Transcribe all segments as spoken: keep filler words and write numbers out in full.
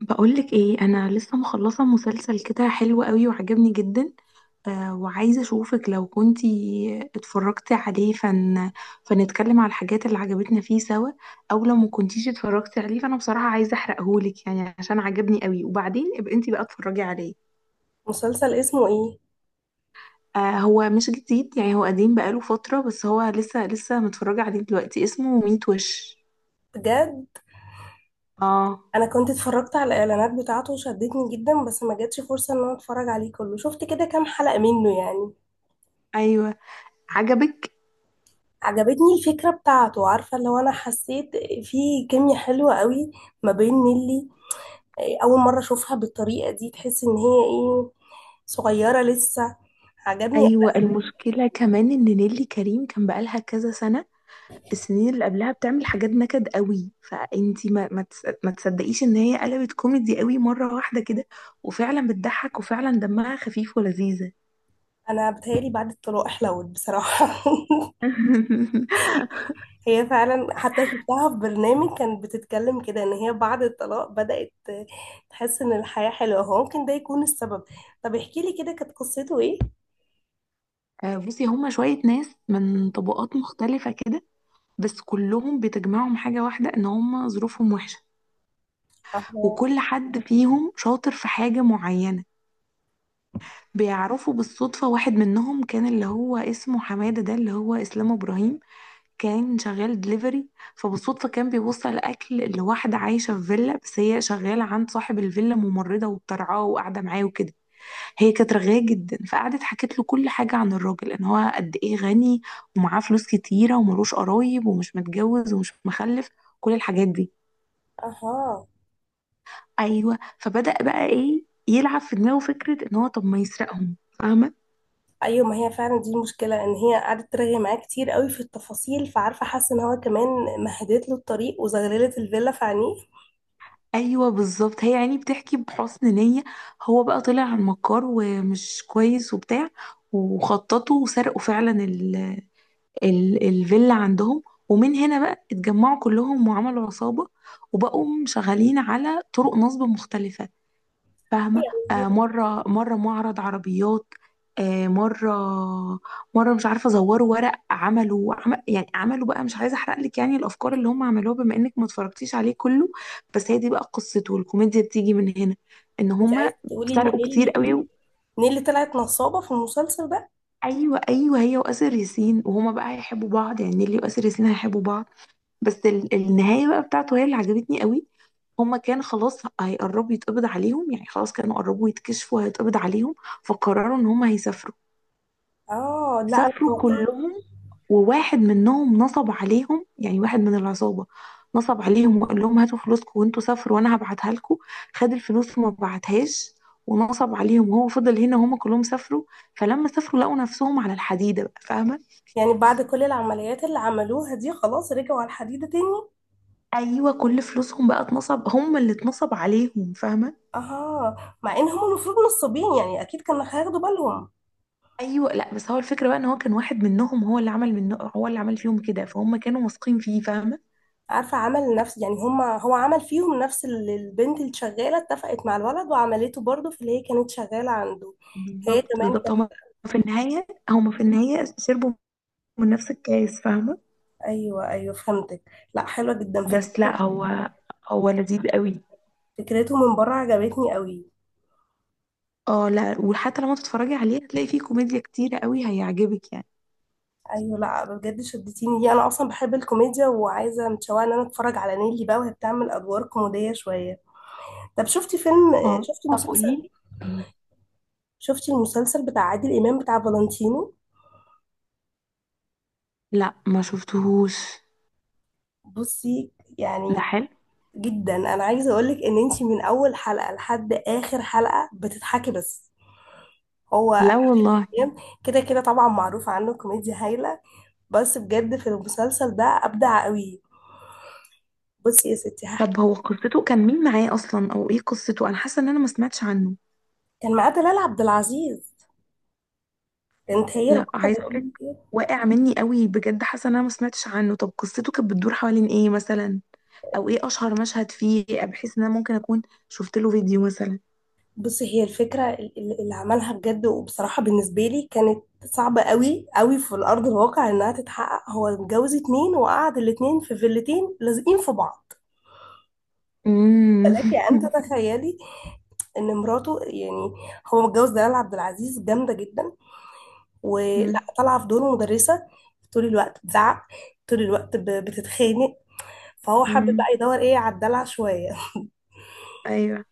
بقولك ايه؟ انا لسه مخلصه مسلسل كده حلو قوي وعجبني جدا. آه، وعايزه اشوفك لو كنتي اتفرجتي عليه فن فنتكلم على الحاجات اللي عجبتنا فيه سوا، او لو ما كنتيش اتفرجتي عليه فانا بصراحه عايزه احرقهولك يعني عشان عجبني قوي، وبعدين ابقى انتي بقى اتفرجي عليه. مسلسل اسمه ايه؟ آه، هو مش جديد، يعني هو قديم بقاله فتره، بس هو لسه لسه متفرجه عليه دلوقتي. اسمه ميت وش. بجد؟ اه. انا كنت اتفرجت على الاعلانات بتاعته وشدتني جدا، بس ما جاتش فرصة ان انا اتفرج عليه كله، شفت كده كام حلقة منه يعني. ايوه عجبك؟ عجبتني الفكرة بتاعته، عارفة اللي هو انا حسيت في كيميا حلوة قوي ما بين نيلي. إيه، اول مرة اشوفها بالطريقة دي، تحس ان هي ايه، صغيرة لسه. عجبني أوي. ايوه، المشكله كمان ان نيلي كريم كان بقالها كذا سنه، السنين اللي قبلها بتعمل حاجات نكد قوي، فانتي ما ما تس- ما تصدقيش ان هي قلبت كوميدي قوي مرة واحدة كده، وفعلا بتضحك وفعلا دمها خفيف ولذيذة. انا بتهيألي بعد الطلاق حلوت بصراحة. هي فعلا، حتى شفتها في برنامج كانت بتتكلم كده ان هي بعد الطلاق بدأت تحس ان الحياة حلوة، هو ممكن ده يكون السبب. طب احكي لي كده كانت قصته ايه؟ آه، بصي، هما شوية ناس من طبقات مختلفة كده، بس كلهم بتجمعهم حاجة واحدة ان هما ظروفهم وحشة، اها. وكل حد فيهم شاطر في حاجة معينة. بيعرفوا بالصدفة. واحد منهم كان اللي هو اسمه حمادة، ده اللي هو إسلام إبراهيم، كان شغال دليفري، فبالصدفة كان بيوصل أكل لواحدة عايشة في فيلا، بس هي شغالة عند صاحب الفيلا، ممرضة وبترعاه وقاعدة معاه وكده. هي كانت رغاية جدا، فقعدت حكت له كل حاجة عن الراجل، إن هو قد إيه غني ومعاه فلوس كتيرة وملوش قرايب ومش متجوز ومش مخلف، كل الحاجات دي. اها. أيوه، فبدأ بقى إيه، يلعب في دماغه فكرة إن هو طب ما يسرقهم. فاهمة؟ ايوه، ما هي فعلا دي المشكلة ان هي قعدت ترغي معاه كتير قوي في التفاصيل، فعارفة حاسة ان هو كمان مهدت له الطريق وزغللت الفيلا في عينيه. ايوه بالظبط، هي يعني بتحكي بحسن نية، هو بقى طلع على المكار ومش كويس وبتاع، وخططوا وسرقوا فعلا ال ال الفيلا عندهم. ومن هنا بقى اتجمعوا كلهم وعملوا عصابة، وبقوا شغالين على طرق نصب مختلفة. فاهمة؟ آه، يعني، مرة مرة معرض عربيات، آه مرة، مرة مش عارفة زوروا ورق، عملوا عم يعني عملوا بقى، مش عايزة أحرق لك يعني الأفكار اللي هم عملوها بما إنك ما اتفرجتيش عليه كله. بس هي دي بقى قصته، الكوميديا بتيجي من هنا، إن انت هم عايزة تقولي ان سرقوا كتير نيلي قوي و... نيلي طلعت نصابة في المسلسل ده؟ أيوه أيوه، هي وآسر ياسين، وهما بقى هيحبوا بعض، يعني نيلي وآسر ياسين هيحبوا بعض. بس ال- النهاية بقى بتاعته هي اللي عجبتني قوي. هما كان خلاص هيقربوا يتقبض عليهم، يعني خلاص كانوا قربوا يتكشفوا هيتقبض عليهم، فقرروا ان هما هيسافروا. اه، لا انا سافروا توقعت. كلهم، وواحد منهم نصب عليهم، يعني واحد من العصابة نصب عليهم وقال لهم هاتوا فلوسكم وانتوا سافروا وانا هبعتها لكم. خد الفلوس وما بعتهاش، ونصب عليهم، وهو فضل هنا وهما كلهم سافروا. فلما سافروا لقوا نفسهم على الحديدة بقى. فاهمة؟ يعني بعد كل العمليات اللي عملوها دي خلاص رجعوا على الحديدة تاني؟ ايوه، كل فلوسهم بقى اتنصب، هم اللي اتنصب عليهم. فاهمة؟ اه، مع ان هم المفروض نصابين يعني اكيد كانوا هياخدوا بالهم. ايوه، لا بس هو الفكره بقى ان هو كان واحد منهم هو اللي عمل منه، هو اللي عمل فيهم كده، فهم كانوا واثقين فيه. فاهمه؟ عارفه عمل نفس، يعني هم، هو عمل فيهم نفس اللي البنت اللي شغاله اتفقت مع الولد وعملته برضه في اللي هي كانت شغاله عنده. هي بالظبط كمان بالظبط، هما كانت. في النهايه هما في النهايه شربوا من نفس الكاس. فاهمه؟ ايوه، ايوه، فهمتك. لا، حلوه جدا بس فكرته. لا هو هو لذيذ قوي. فكرته من بره عجبتني قوي. اه لا، وحتى لما تتفرجي عليه هتلاقي فيه كوميديا كتيره قوي، هيعجبك يعني. ايوه، لا بجد شدتيني دي، انا اصلا بحب الكوميديا وعايزه، متشوقه ان انا اتفرج على نيلي بقى وهي بتعمل ادوار كوميديه شويه. طب شفتي فيلم، آه، اه، شفتي طب مسلسل، قولي لي. شفتي المسلسل بتاع عادل امام بتاع فالنتينو؟ لا ما شفتهوش. بصي، ده يعني حلو. جدا انا عايزه اقولك ان انتي من اول حلقه لحد اخر حلقه بتضحكي بس. هو لا والله. كده كده طبعا معروف عنه كوميديا هايله، بس بجد في المسلسل ده ابدع قوي. بصي يا ستي هحكي. طب هو قصته كان مين معاه اصلا، او ايه قصته؟ انا حاسه ان انا ما سمعتش عنه. كان معاه دلال عبد العزيز، كانت هي لا البطله عايزه اقولك، فيه. واقع مني قوي بجد، حاسه ان انا ما سمعتش عنه. طب قصته كانت بتدور حوالين ايه مثلا؟ او ايه اشهر مشهد فيه بحيث ان انا ممكن اكون شفت له فيديو مثلا؟ بصي، هي الفكره ال- ال- اللي عملها بجد وبصراحه بالنسبه لي كانت صعبه قوي قوي في الارض الواقع انها تتحقق، هو متجوز اتنين وقعد الاتنين في فيلتين لازقين في بعض. امم. فلك أن تتخيلي ان مراته يعني، هو متجوز دلال عبد العزيز جامده جدا ولا طالعه في دور مدرسه، طول الوقت بتزعق، طول الوقت ب- بتتخانق. فهو حابب امم. بقى يدور ايه على الدلع شويه. ايوه.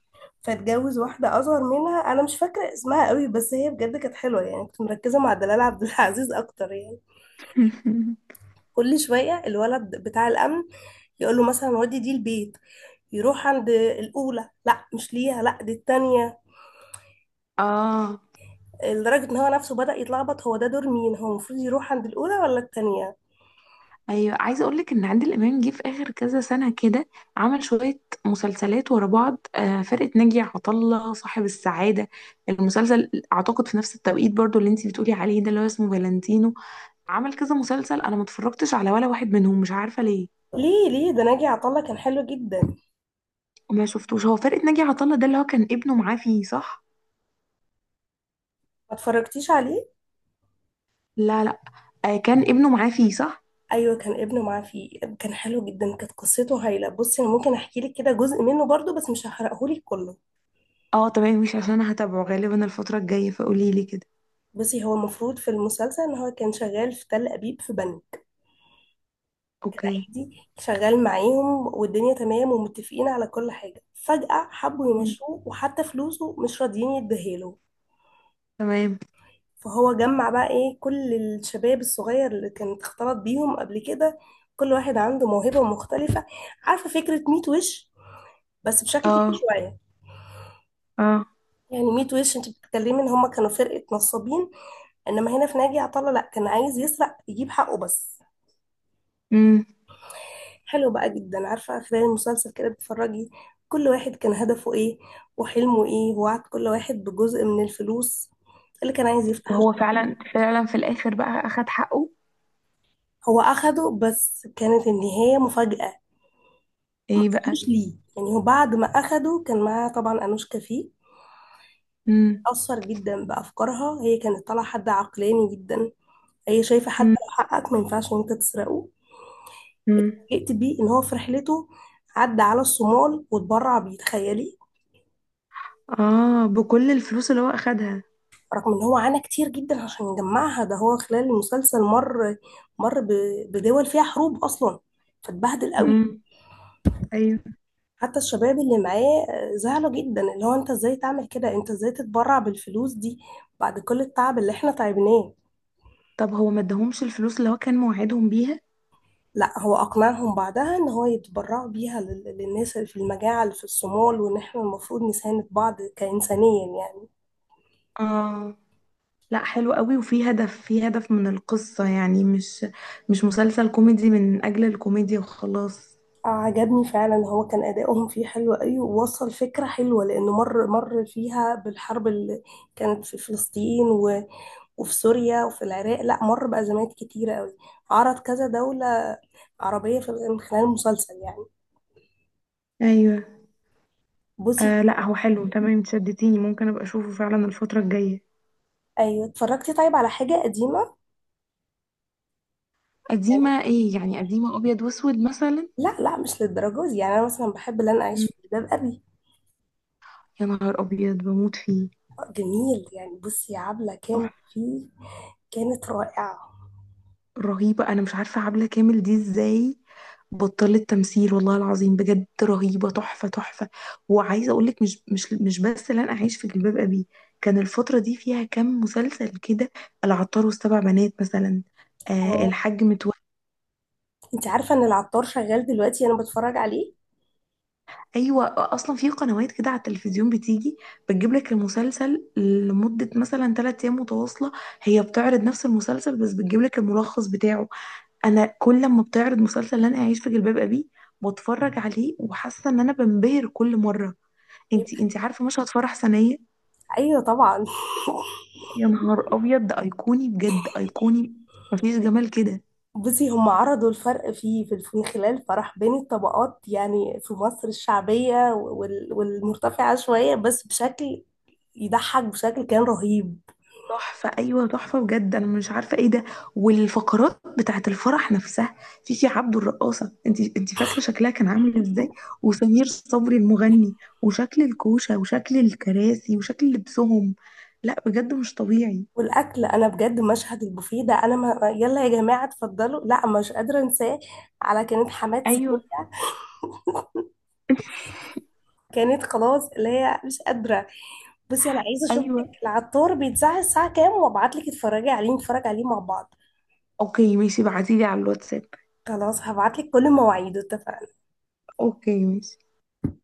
فاتجوز واحده اصغر منها، انا مش فاكره اسمها قوي، بس هي بجد كانت حلوه يعني، كنت مركزه مع دلال عبد العزيز اكتر يعني. كل شويه الولد بتاع الامن يقول له مثلا ودي، دي البيت، يروح عند الاولى، لا مش ليها، لا دي التانية. اه، لدرجة ان هو نفسه بدأ يتلخبط، هو ده دور مين، هو المفروض يروح عند الأولى ولا التانية. ايوه عايزه اقول لك ان عادل امام جه في اخر كذا سنه كده عمل شويه مسلسلات ورا بعض. آه، فرقه ناجي عطا الله، صاحب السعاده، المسلسل اعتقد في نفس التوقيت برضو اللي انتي بتقولي عليه ده اللي هو اسمه فالنتينو. عمل كذا مسلسل انا ما اتفرجتش على ولا واحد منهم، مش عارفه ليه. ليه ليه ده ناجي عطا الله كان حلو جدا، ما ما شفتوش. هو فرقه ناجي عطا الله ده اللي هو كان ابنه معاه فيه، صح؟ اتفرجتيش عليه؟ لا لا. آه، كان ابنه معاه فيه، صح؟ ايوه كان ابنه معاه فيه، كان حلو جدا، كانت قصته هايله. بصي انا ممكن احكي لك كده جزء منه برضو بس مش هحرقه لك كله. اه تمام، مش عشان انا هتابعه غالبا الفتره الجايه، فقولي لي كده. بصي، هو المفروض في المسلسل ان هو كان شغال في تل ابيب في بنك، اوكي. عادي شغال معاهم والدنيا تمام ومتفقين على كل حاجه، فجاه حبوا مم. يمشوه وحتى فلوسه مش راضيين يديها له. تمام. فهو جمع بقى ايه كل الشباب الصغير اللي كانت اختلط بيهم قبل كده، كل واحد عنده موهبة مختلفة. عارفة فكرة ميت وش، بس بشكل تاني اه. شوية. اه. يعني ميت وش انت بتتكلمي ان هما كانوا فرقة نصابين، انما هنا في ناجي عطا الله لا، كان عايز يسرق يجيب حقه بس. امم. حلو بقى جدا، عارفة خلال المسلسل كده بتتفرجي كل واحد كان هدفه ايه وحلمه ايه، ووعد كل واحد بجزء من الفلوس اللي كان عايز يفتح. وهو فعلا فعلا في الاخر بقى اخد حقه؟ هو اخده بس كانت النهاية مفاجأة. ما ايه بقى؟ اصلوش ليه، يعني هو بعد ما اخده كان معاه طبعا انوشكا فيه، امم. اثر جدا بافكارها، هي كانت طالعه حد عقلاني جدا، هي شايفه حتى امم. لو حقك ما ينفعش ان انت تسرقه. امم. فوجئت بيه ان هو في رحلته عدى على الصومال واتبرع بيه، تخيلي. اه، بكل الفلوس اللي هو اخدها؟ رغم ان هو عانى كتير جدا عشان يجمعها، ده هو خلال المسلسل مر، مر ب- بدول فيها حروب اصلا، فاتبهدل امم. قوي. ايوه. حتى الشباب اللي معاه آه، زعلوا جدا، اللي هو انت ازاي تعمل كده، انت ازاي تتبرع بالفلوس دي بعد كل التعب اللي احنا تعبناه. طب هو ما اداهمش الفلوس اللي هو كان موعدهم بيها؟ لا، هو اقنعهم بعدها ان هو يتبرعوا بيها لل- للناس اللي في المجاعة اللي في الصومال، وان احنا المفروض نساند بعض كإنسانيا يعني. اه. لا حلو قوي، وفي هدف، في هدف من القصة يعني، مش مش مسلسل كوميدي من أجل الكوميديا وخلاص. آه، عجبني فعلا، هو كان ادائهم فيه حلو قوي ووصل فكرة حلوة لانه مر، مر فيها بالحرب اللي كانت في فلسطين و- وفي سوريا وفي العراق، لا مر بأزمات كتيرة قوي، عرض كذا دولة عربية في من خلال المسلسل يعني. أيوة. بصي، آه لا هو حلو، تمام انت شدتيني، ممكن أبقى أشوفه فعلا الفترة الجاية. ايوه اتفرجتي طيب على حاجه قديمه؟ يعني قديمة إيه يعني؟ قديمة أبيض وأسود مثلا؟ لا، لا مش للدرجه دي يعني، انا مثلا بحب اللي انا اعيش مم، في جلباب ابي. يا نهار أبيض بموت فيه. آه، جميل يعني. بصي عبله كان تحفة. فيه كانت رائعه. رهيبة. أنا مش عارفة عبلة كامل دي إزاي بطلت تمثيل، والله العظيم بجد رهيبة، تحفة تحفة. وعايزة أقولك مش مش مش بس لن أعيش في جلباب أبي، كان الفترة دي فيها كام مسلسل كده، العطار والسبع بنات مثلا، آه اه، الحاج متولي. انت عارفه ان العطار شغال دلوقتي، انا بتفرج عليه. أيوة، أصلا في قنوات كده على التلفزيون بتيجي، بتجيب لك المسلسل لمدة مثلا 3 أيام متواصلة، هي بتعرض نفس المسلسل بس بتجيب لك الملخص بتاعه. انا كل ما بتعرض مسلسل اللي انا اعيش في جلباب ابي، بتفرج عليه وحاسه ان انا بنبهر كل مره. طيب، انتي انتي عارفه مشهد فرح سنيه؟ ايوه طبعا. يا نهار ابيض، ده ايقوني بجد، ايقوني، مفيش جمال كده. بصي هم عرضوا الفرق فيه، في في- من خلال فرح بين الطبقات يعني في مصر، الشعبيه وال- والمرتفعه شويه، بس بشكل يضحك، بشكل كان رهيب. تحفه، ايوه تحفه بجد، انا مش عارفه ايه ده. والفقرات بتاعت الفرح نفسها، فيفي عبده الرقاصه، انتي انتي فاكره شكلها كان عامل ازاي؟ وسمير صبري المغني، وشكل الكوشه وشكل الكراسي وشكل لبسهم، لا بجد مش طبيعي. والاكل، انا بجد مشهد البوفيه ده، انا ما، يلا يا جماعه اتفضلوا، لا مش قادره انساه. على كانت حماد سلوك، ايوه. كانت خلاص اللي هي مش قادره. بصي انا عايزه اشوفك، ايوه. العطار بيتذاع الساعه كام، وابعت لك اتفرجي عليه، نتفرج عليه مع بعض. اوكي ماشي، بعتيلي على الواتساب. خلاص، هبعت لك كل مواعيده، اتفقنا. اوكي ماشي.